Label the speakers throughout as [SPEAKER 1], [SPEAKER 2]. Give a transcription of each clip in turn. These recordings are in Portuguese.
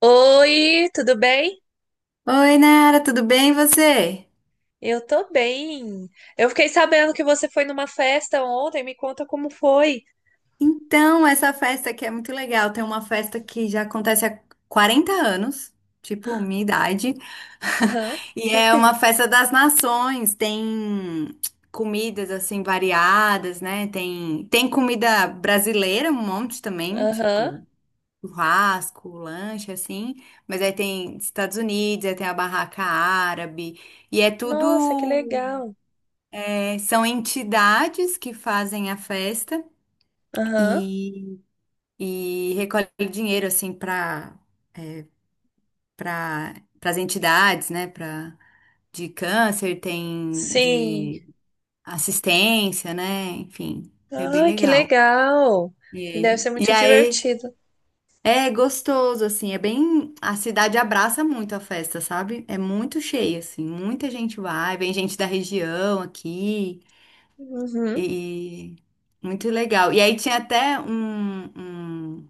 [SPEAKER 1] Oi, tudo bem?
[SPEAKER 2] Oi, Nara, tudo bem e você?
[SPEAKER 1] Eu tô bem. Eu fiquei sabendo que você foi numa festa ontem, me conta como foi.
[SPEAKER 2] Então, essa festa aqui é muito legal. Tem uma festa que já acontece há 40 anos, tipo minha idade.
[SPEAKER 1] Aham,
[SPEAKER 2] E é uma festa das nações. Tem comidas assim variadas, né? Tem comida brasileira, um monte também,
[SPEAKER 1] aham.
[SPEAKER 2] tipo churrasco, lanche assim, mas aí tem Estados Unidos, aí tem a barraca árabe, e é
[SPEAKER 1] Nossa, que
[SPEAKER 2] tudo.
[SPEAKER 1] legal.
[SPEAKER 2] É, são entidades que fazem a festa
[SPEAKER 1] Aham.
[SPEAKER 2] e, e recolhem dinheiro assim para as entidades, né? Para de câncer, tem
[SPEAKER 1] Sim.
[SPEAKER 2] de assistência, né? Enfim, é bem
[SPEAKER 1] Ai, que
[SPEAKER 2] legal.
[SPEAKER 1] legal. E deve
[SPEAKER 2] E,
[SPEAKER 1] ser
[SPEAKER 2] e
[SPEAKER 1] muito
[SPEAKER 2] aí
[SPEAKER 1] divertido.
[SPEAKER 2] é gostoso assim, é bem a cidade abraça muito a festa, sabe? É muito cheia assim, muita gente vai, vem gente da região aqui.
[SPEAKER 1] Uhum.
[SPEAKER 2] E muito legal. E aí tinha até um-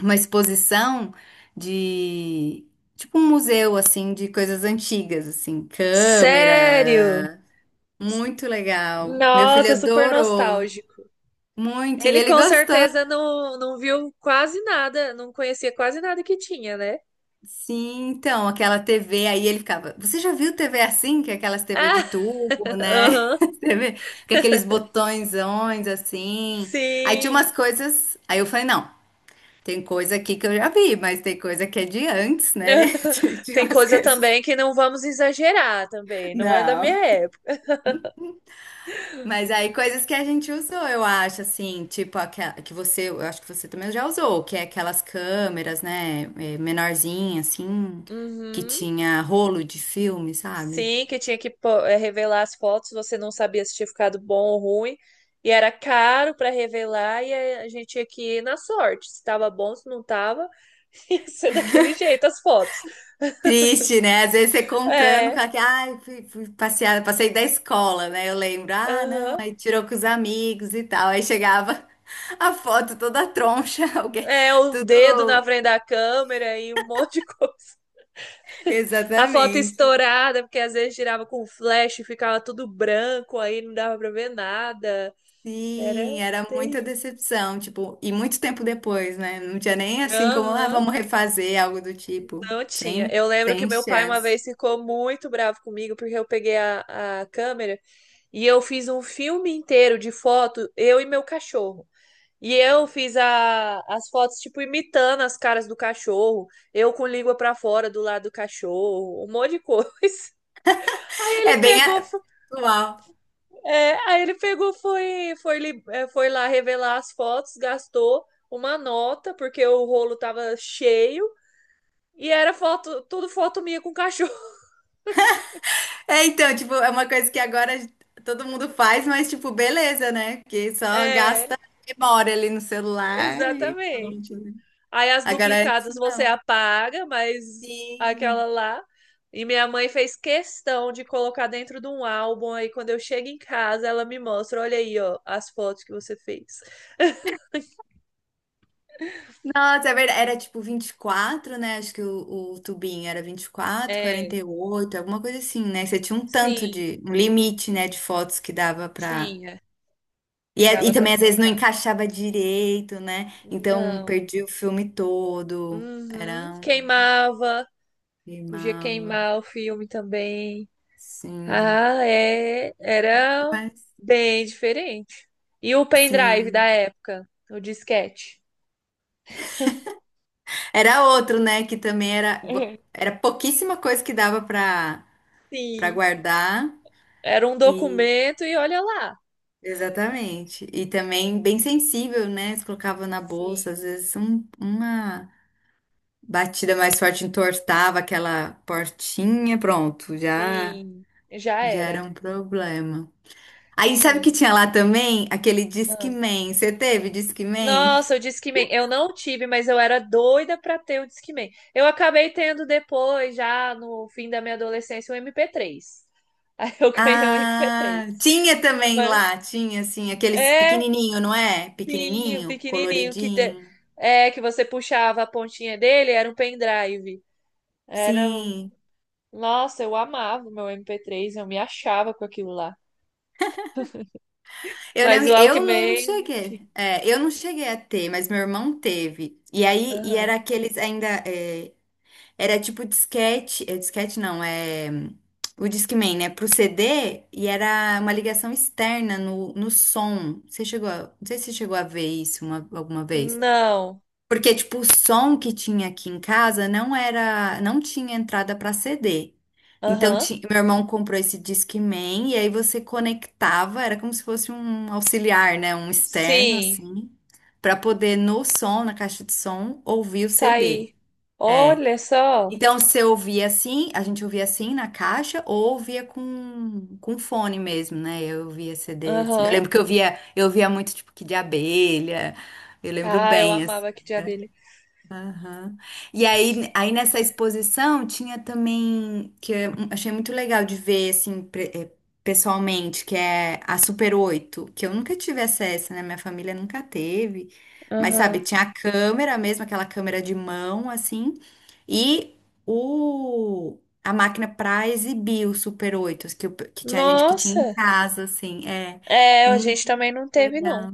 [SPEAKER 2] uma exposição de tipo um museu assim de coisas antigas, assim,
[SPEAKER 1] Sério?
[SPEAKER 2] câmera. Muito legal. Meu filho
[SPEAKER 1] Nossa, super
[SPEAKER 2] adorou
[SPEAKER 1] nostálgico.
[SPEAKER 2] muito e
[SPEAKER 1] Ele
[SPEAKER 2] ele
[SPEAKER 1] com
[SPEAKER 2] gostou.
[SPEAKER 1] certeza não viu quase nada, não conhecia quase nada que tinha, né?
[SPEAKER 2] Sim, então, aquela TV aí ele ficava, você já viu TV assim, que é aquelas TV de
[SPEAKER 1] Ah,
[SPEAKER 2] tubo, né?
[SPEAKER 1] aham.
[SPEAKER 2] TV com aqueles botõezões assim. Aí tinha
[SPEAKER 1] Sim.
[SPEAKER 2] umas coisas, aí eu falei, não, tem coisa aqui que eu já vi, mas tem coisa que é de antes, né? De de
[SPEAKER 1] Tem
[SPEAKER 2] umas
[SPEAKER 1] coisa
[SPEAKER 2] coisas.
[SPEAKER 1] também que não vamos exagerar também, não é da minha
[SPEAKER 2] Não.
[SPEAKER 1] época.
[SPEAKER 2] Mas aí coisas que a gente usou, eu acho, assim, tipo aquela que você, eu acho que você também já usou, que é aquelas câmeras, né, é, menorzinha, assim, que
[SPEAKER 1] Uhum.
[SPEAKER 2] tinha rolo de filme, sabe?
[SPEAKER 1] Sim, que tinha que revelar as fotos, você não sabia se tinha ficado bom ou ruim, e era caro para revelar, e a gente tinha que ir na sorte, se estava bom, se não estava, ia ser daquele jeito as fotos.
[SPEAKER 2] Triste, né? Às vezes você contando com
[SPEAKER 1] É,
[SPEAKER 2] aquela, ai, fui passear, passei da escola, né? Eu lembro, ah, não,
[SPEAKER 1] aham.
[SPEAKER 2] aí tirou com os amigos e tal, aí chegava a foto toda troncha, alguém,
[SPEAKER 1] É, o dedo na
[SPEAKER 2] tudo.
[SPEAKER 1] frente da câmera e um monte de coisa. A foto
[SPEAKER 2] Exatamente.
[SPEAKER 1] estourada, porque às vezes girava com flash, e ficava tudo branco, aí não dava pra ver nada.
[SPEAKER 2] Sim,
[SPEAKER 1] Era
[SPEAKER 2] era muita
[SPEAKER 1] TI.
[SPEAKER 2] decepção, tipo, e muito tempo depois, né? Não tinha nem assim como, ah,
[SPEAKER 1] Aham,
[SPEAKER 2] vamos refazer algo do tipo.
[SPEAKER 1] não tinha.
[SPEAKER 2] Sem,
[SPEAKER 1] Eu lembro que
[SPEAKER 2] sem
[SPEAKER 1] meu pai uma
[SPEAKER 2] chance.
[SPEAKER 1] vez ficou muito bravo comigo porque eu peguei a câmera e eu fiz um filme inteiro de foto, eu e meu cachorro. E eu fiz a, as fotos, tipo, imitando as caras do cachorro, eu com língua pra fora do lado do cachorro, um monte de coisa. Aí ele
[SPEAKER 2] É bem
[SPEAKER 1] pegou,
[SPEAKER 2] a- atual.
[SPEAKER 1] é, aí ele pegou, é, foi lá revelar as fotos, gastou uma nota, porque o rolo tava cheio. E era foto, tudo foto minha com cachorro.
[SPEAKER 2] É, então, tipo, é uma coisa que agora todo mundo faz, mas, tipo, beleza, né? Porque só
[SPEAKER 1] É,
[SPEAKER 2] gasta memória ali no celular e pronto,
[SPEAKER 1] exatamente.
[SPEAKER 2] né?
[SPEAKER 1] Aí as
[SPEAKER 2] Agora antes
[SPEAKER 1] duplicadas você
[SPEAKER 2] não.
[SPEAKER 1] apaga, mas
[SPEAKER 2] Sim.
[SPEAKER 1] aquela lá. E minha mãe fez questão de colocar dentro de um álbum. Aí quando eu chego em casa, ela me mostra: olha aí, ó, as fotos que você fez.
[SPEAKER 2] Nossa, é verdade. Era tipo 24, né? Acho que o tubinho era 24, quarenta
[SPEAKER 1] É,
[SPEAKER 2] e oito alguma coisa assim, né? Você tinha um tanto
[SPEAKER 1] sim,
[SPEAKER 2] de, um limite, né, de fotos que dava pra.
[SPEAKER 1] tinha,
[SPEAKER 2] E,
[SPEAKER 1] que
[SPEAKER 2] é- e
[SPEAKER 1] dava pra
[SPEAKER 2] também às vezes não
[SPEAKER 1] colocar.
[SPEAKER 2] encaixava direito, né? Então
[SPEAKER 1] Não.
[SPEAKER 2] perdi o filme todo.
[SPEAKER 1] Uhum.
[SPEAKER 2] Era um
[SPEAKER 1] Queimava, podia
[SPEAKER 2] queimava,
[SPEAKER 1] queimar o filme também.
[SPEAKER 2] sim.
[SPEAKER 1] Ah, é, era
[SPEAKER 2] Mas
[SPEAKER 1] bem diferente. E o pendrive da
[SPEAKER 2] sim.
[SPEAKER 1] época, o disquete?
[SPEAKER 2] Era outro, né? Que também era, era pouquíssima coisa que dava pra, pra
[SPEAKER 1] Sim,
[SPEAKER 2] guardar.
[SPEAKER 1] era um documento e olha lá.
[SPEAKER 2] Exatamente. E também bem sensível, né? Você colocava na bolsa, às
[SPEAKER 1] Sim.
[SPEAKER 2] vezes uma batida mais forte entortava aquela portinha, pronto, já
[SPEAKER 1] Sim, já
[SPEAKER 2] já era
[SPEAKER 1] era.
[SPEAKER 2] um problema. Aí sabe o que
[SPEAKER 1] Sim.
[SPEAKER 2] tinha lá também? Aquele
[SPEAKER 1] Ah.
[SPEAKER 2] Discman. Você teve Discman?
[SPEAKER 1] Nossa, o Discman. Eu não tive, mas eu era doida pra ter o Discman. Eu acabei tendo depois, já no fim da minha adolescência, o MP3. Aí eu ganhei o MP3.
[SPEAKER 2] Ah, tinha também
[SPEAKER 1] Mas,
[SPEAKER 2] lá, tinha assim, aqueles
[SPEAKER 1] é,
[SPEAKER 2] pequenininho, não é?
[SPEAKER 1] sim, o
[SPEAKER 2] Pequenininho,
[SPEAKER 1] pequenininho que te...
[SPEAKER 2] coloridinho.
[SPEAKER 1] é que você puxava a pontinha dele, era um pendrive. Era,
[SPEAKER 2] Sim.
[SPEAKER 1] nossa, eu amava o meu MP3, eu me achava com aquilo lá.
[SPEAKER 2] Eu
[SPEAKER 1] Mas o
[SPEAKER 2] lembro, eu não
[SPEAKER 1] Walkman, não tinha.
[SPEAKER 2] cheguei, é, eu não cheguei a ter, mas meu irmão teve. E aí, e era
[SPEAKER 1] Aham.
[SPEAKER 2] aqueles ainda, é, era tipo disquete, é, disquete não, é, o Discman, né, pro CD, e era uma ligação externa no som. Você chegou a, não sei se você chegou a ver isso alguma vez.
[SPEAKER 1] Não.
[SPEAKER 2] Porque, tipo, o som que tinha aqui em casa não era, não tinha entrada para CD. Então,
[SPEAKER 1] Aham.
[SPEAKER 2] meu irmão comprou esse Discman e aí você conectava, era como se fosse um auxiliar, né, um externo
[SPEAKER 1] Sim.
[SPEAKER 2] assim, para poder no som, na caixa de som, ouvir o CD.
[SPEAKER 1] Saí.
[SPEAKER 2] É.
[SPEAKER 1] Olha só.
[SPEAKER 2] Então, você ouvia assim, a gente ouvia assim na caixa ou ouvia com fone mesmo, né? Eu ouvia CD assim. Eu
[SPEAKER 1] Aham.
[SPEAKER 2] lembro que eu via muito tipo que de abelha. Eu lembro
[SPEAKER 1] Ah, eu
[SPEAKER 2] bem assim.
[SPEAKER 1] amava aqui de abelha.
[SPEAKER 2] Aham. E aí, aí nessa exposição tinha também, que eu achei muito legal de ver, assim, pessoalmente, que é a Super 8 que eu nunca tive acesso, né? Minha família nunca teve. Mas, sabe,
[SPEAKER 1] Aham.
[SPEAKER 2] tinha a câmera mesmo, aquela câmera de mão, assim, e o, a máquina pra exibir o Super 8, que, que tinha gente que tinha em
[SPEAKER 1] Nossa,
[SPEAKER 2] casa, assim, é.
[SPEAKER 1] é, a
[SPEAKER 2] Hum,
[SPEAKER 1] gente também não teve, não.
[SPEAKER 2] legal.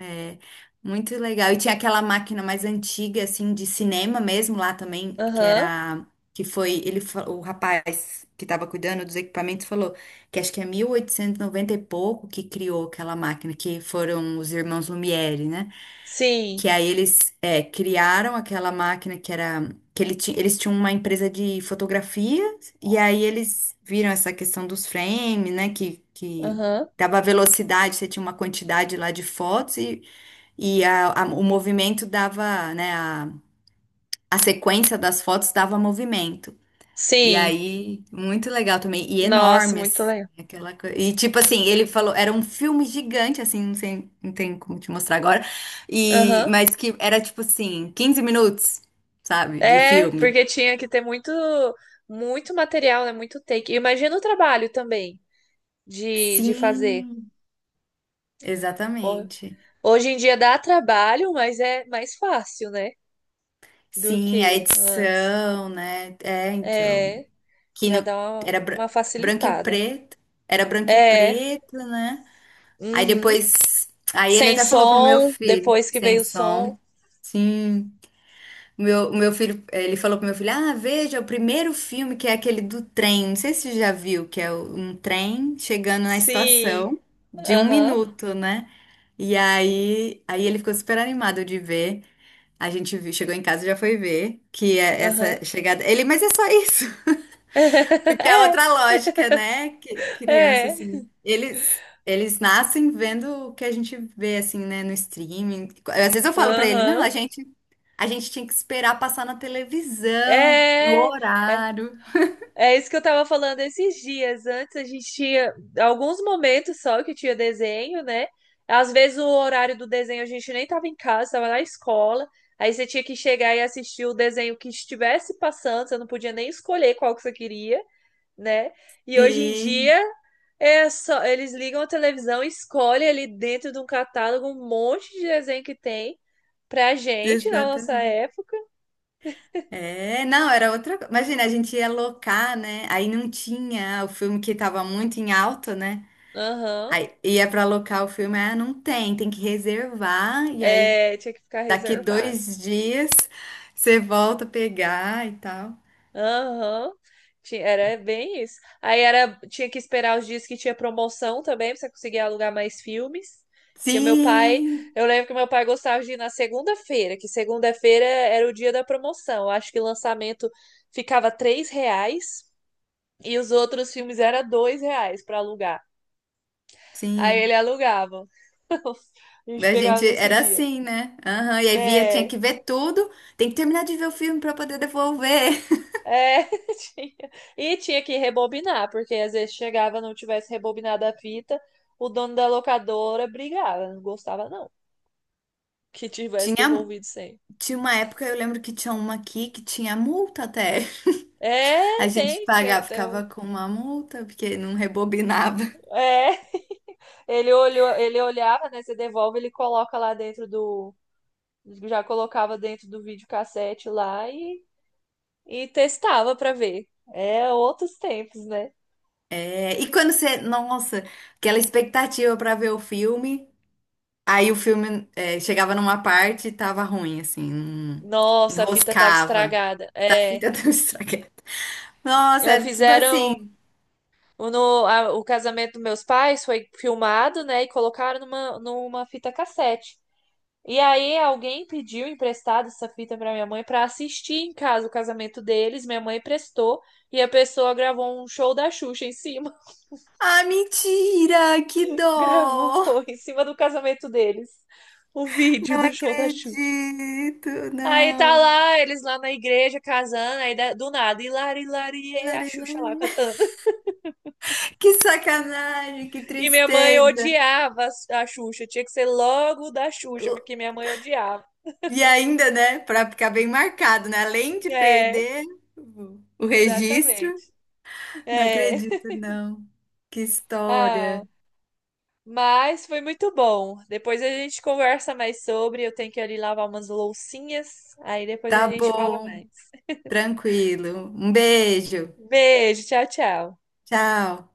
[SPEAKER 2] É, muito legal. E tinha aquela máquina mais antiga, assim, de cinema mesmo lá também, que
[SPEAKER 1] Aham.
[SPEAKER 2] era, que foi, ele, o rapaz que estava cuidando dos equipamentos falou que acho que é 1890 e noventa e pouco que criou aquela máquina, que foram os irmãos Lumière, né? Que
[SPEAKER 1] Sim.
[SPEAKER 2] aí eles, é, criaram aquela máquina que era, que eles tinham uma empresa de fotografia, e aí eles viram essa questão dos frames, né? Que
[SPEAKER 1] Aham.
[SPEAKER 2] dava velocidade, você tinha uma quantidade lá de fotos e o movimento dava, né? A sequência das fotos dava movimento. E
[SPEAKER 1] Sim.
[SPEAKER 2] aí, muito legal também. E
[SPEAKER 1] Nossa,
[SPEAKER 2] enorme,
[SPEAKER 1] muito
[SPEAKER 2] assim,
[SPEAKER 1] legal.
[SPEAKER 2] aquela coisa. E tipo assim, ele falou, era um filme gigante, assim, não sei, não tem como te mostrar agora. E,
[SPEAKER 1] Aham.
[SPEAKER 2] mas que era tipo assim, 15 minutos, sabe, de
[SPEAKER 1] É,
[SPEAKER 2] filme.
[SPEAKER 1] porque tinha que ter muito, muito material, né? Muito take. Imagina o trabalho também de fazer.
[SPEAKER 2] Sim,
[SPEAKER 1] Ho-
[SPEAKER 2] exatamente.
[SPEAKER 1] Hoje em dia dá trabalho, mas é mais fácil, né? Do que
[SPEAKER 2] Sim, a
[SPEAKER 1] antes.
[SPEAKER 2] edição, né? É, então.
[SPEAKER 1] É,
[SPEAKER 2] Que
[SPEAKER 1] já
[SPEAKER 2] não,
[SPEAKER 1] dá
[SPEAKER 2] era
[SPEAKER 1] uma
[SPEAKER 2] branco e
[SPEAKER 1] facilitada.
[SPEAKER 2] preto. Era branco e
[SPEAKER 1] É.
[SPEAKER 2] preto, né? Aí
[SPEAKER 1] Uhum.
[SPEAKER 2] depois, aí ele
[SPEAKER 1] Sem
[SPEAKER 2] até falou pro meu
[SPEAKER 1] som,
[SPEAKER 2] filho,
[SPEAKER 1] depois que
[SPEAKER 2] sem
[SPEAKER 1] veio o som.
[SPEAKER 2] som. Sim, o meu filho, ele falou pro meu filho, ah, veja, o primeiro filme que é aquele do trem, não sei se você já viu, que é o- um trem chegando na
[SPEAKER 1] Sim.
[SPEAKER 2] estação de um
[SPEAKER 1] Aham.
[SPEAKER 2] minuto, né? E aí, aí ele ficou super animado de ver, a gente viu- chegou em casa e já foi ver, que é
[SPEAKER 1] Aham.
[SPEAKER 2] essa chegada, ele, mas é só isso, porque é
[SPEAKER 1] É,
[SPEAKER 2] outra lógica, né? Que criança,
[SPEAKER 1] é.
[SPEAKER 2] assim, eles nascem vendo o que a gente vê, assim, né, no streaming. Às vezes eu falo pra ele, não,
[SPEAKER 1] Aham.
[SPEAKER 2] a gente tinha que esperar passar na televisão, no
[SPEAKER 1] É, é.
[SPEAKER 2] horário.
[SPEAKER 1] É isso que eu tava falando esses dias. Antes a gente tinha alguns momentos só que tinha desenho, né? Às vezes o horário do desenho a gente nem tava em casa, tava na escola. Aí você tinha que chegar e assistir o desenho que estivesse passando, você não podia nem escolher qual que você queria, né? E hoje em
[SPEAKER 2] Sim,
[SPEAKER 1] dia é só eles ligam a televisão, e escolhem ali dentro de um catálogo um monte de desenho que tem. Pra gente, na nossa
[SPEAKER 2] exatamente.
[SPEAKER 1] época,
[SPEAKER 2] É, não, era outra coisa. Imagina, a gente ia locar, né? Aí não tinha o filme que tava muito em alta, né?
[SPEAKER 1] aham,
[SPEAKER 2] Aí ia pra locar o filme, ah, não tem, tem que reservar. E aí
[SPEAKER 1] é, tinha que ficar
[SPEAKER 2] daqui
[SPEAKER 1] reservado.
[SPEAKER 2] 2 dias você volta a pegar e tal.
[SPEAKER 1] Aham, era bem isso. Aí era, tinha que esperar os dias que tinha promoção também, pra você conseguir alugar mais filmes. Porque o meu pai,
[SPEAKER 2] Sim,
[SPEAKER 1] eu lembro que o meu pai gostava de ir na segunda-feira, que segunda-feira era o dia da promoção. Eu acho que o lançamento ficava três reais e os outros filmes era dois reais para alugar. Aí
[SPEAKER 2] sim.
[SPEAKER 1] ele alugava. A gente
[SPEAKER 2] A
[SPEAKER 1] pegava
[SPEAKER 2] gente
[SPEAKER 1] nesse
[SPEAKER 2] era
[SPEAKER 1] dia.
[SPEAKER 2] assim, né? Aham. E aí via, tinha
[SPEAKER 1] É.
[SPEAKER 2] que ver tudo. Tem que terminar de ver o filme para poder devolver.
[SPEAKER 1] É, tinha. E tinha que rebobinar, porque às vezes chegava, não tivesse rebobinado a fita, o dono da locadora brigava, não gostava não, que tivesse
[SPEAKER 2] Tinha,
[SPEAKER 1] devolvido sem.
[SPEAKER 2] tinha uma época, eu lembro que tinha uma aqui que tinha multa até.
[SPEAKER 1] É,
[SPEAKER 2] A gente
[SPEAKER 1] tem, tinha,
[SPEAKER 2] pagava,
[SPEAKER 1] tem um-
[SPEAKER 2] ficava com uma multa, porque não rebobinava.
[SPEAKER 1] é, ele olhava, né, você devolve, ele coloca lá dentro do, já colocava dentro do videocassete lá e testava pra ver. É, outros tempos, né?
[SPEAKER 2] É, e quando você, nossa, aquela expectativa para ver o filme. Aí o filme é, chegava numa parte e tava ruim, assim,
[SPEAKER 1] Nossa, a fita tava
[SPEAKER 2] enroscava.
[SPEAKER 1] estragada.
[SPEAKER 2] Tá, a
[SPEAKER 1] É,
[SPEAKER 2] fita tão estragada. Nossa,
[SPEAKER 1] é,
[SPEAKER 2] era tudo
[SPEAKER 1] fizeram
[SPEAKER 2] assim.
[SPEAKER 1] O, no- a- o casamento dos meus pais foi filmado, né? E colocaram numa, numa fita cassete. E aí alguém pediu emprestado essa fita para minha mãe para assistir em casa o casamento deles. Minha mãe prestou e a pessoa gravou um show da Xuxa em cima.
[SPEAKER 2] Ah, mentira! Que dó!
[SPEAKER 1] Gravou em cima do casamento deles. O vídeo
[SPEAKER 2] Não
[SPEAKER 1] do show da Xuxa.
[SPEAKER 2] acredito,
[SPEAKER 1] Aí tá
[SPEAKER 2] não.
[SPEAKER 1] lá, eles lá na igreja casando, aí do nada, hilari, hilari, e a
[SPEAKER 2] Larê,
[SPEAKER 1] Xuxa
[SPEAKER 2] larê.
[SPEAKER 1] lá cantando.
[SPEAKER 2] Que sacanagem, que
[SPEAKER 1] E minha mãe
[SPEAKER 2] tristeza.
[SPEAKER 1] odiava a Xuxa. Tinha que ser logo da Xuxa, porque minha mãe odiava.
[SPEAKER 2] E ainda, né, pra ficar bem marcado, né? Além de
[SPEAKER 1] É,
[SPEAKER 2] perder o registro,
[SPEAKER 1] exatamente.
[SPEAKER 2] não
[SPEAKER 1] É.
[SPEAKER 2] acredito, não. Que
[SPEAKER 1] Ah,
[SPEAKER 2] história.
[SPEAKER 1] mas foi muito bom. Depois a gente conversa mais sobre. Eu tenho que ali lavar umas loucinhas. Aí depois a
[SPEAKER 2] Tá
[SPEAKER 1] gente fala
[SPEAKER 2] bom.
[SPEAKER 1] mais.
[SPEAKER 2] Tranquilo. Um beijo.
[SPEAKER 1] Beijo, tchau, tchau.
[SPEAKER 2] Tchau.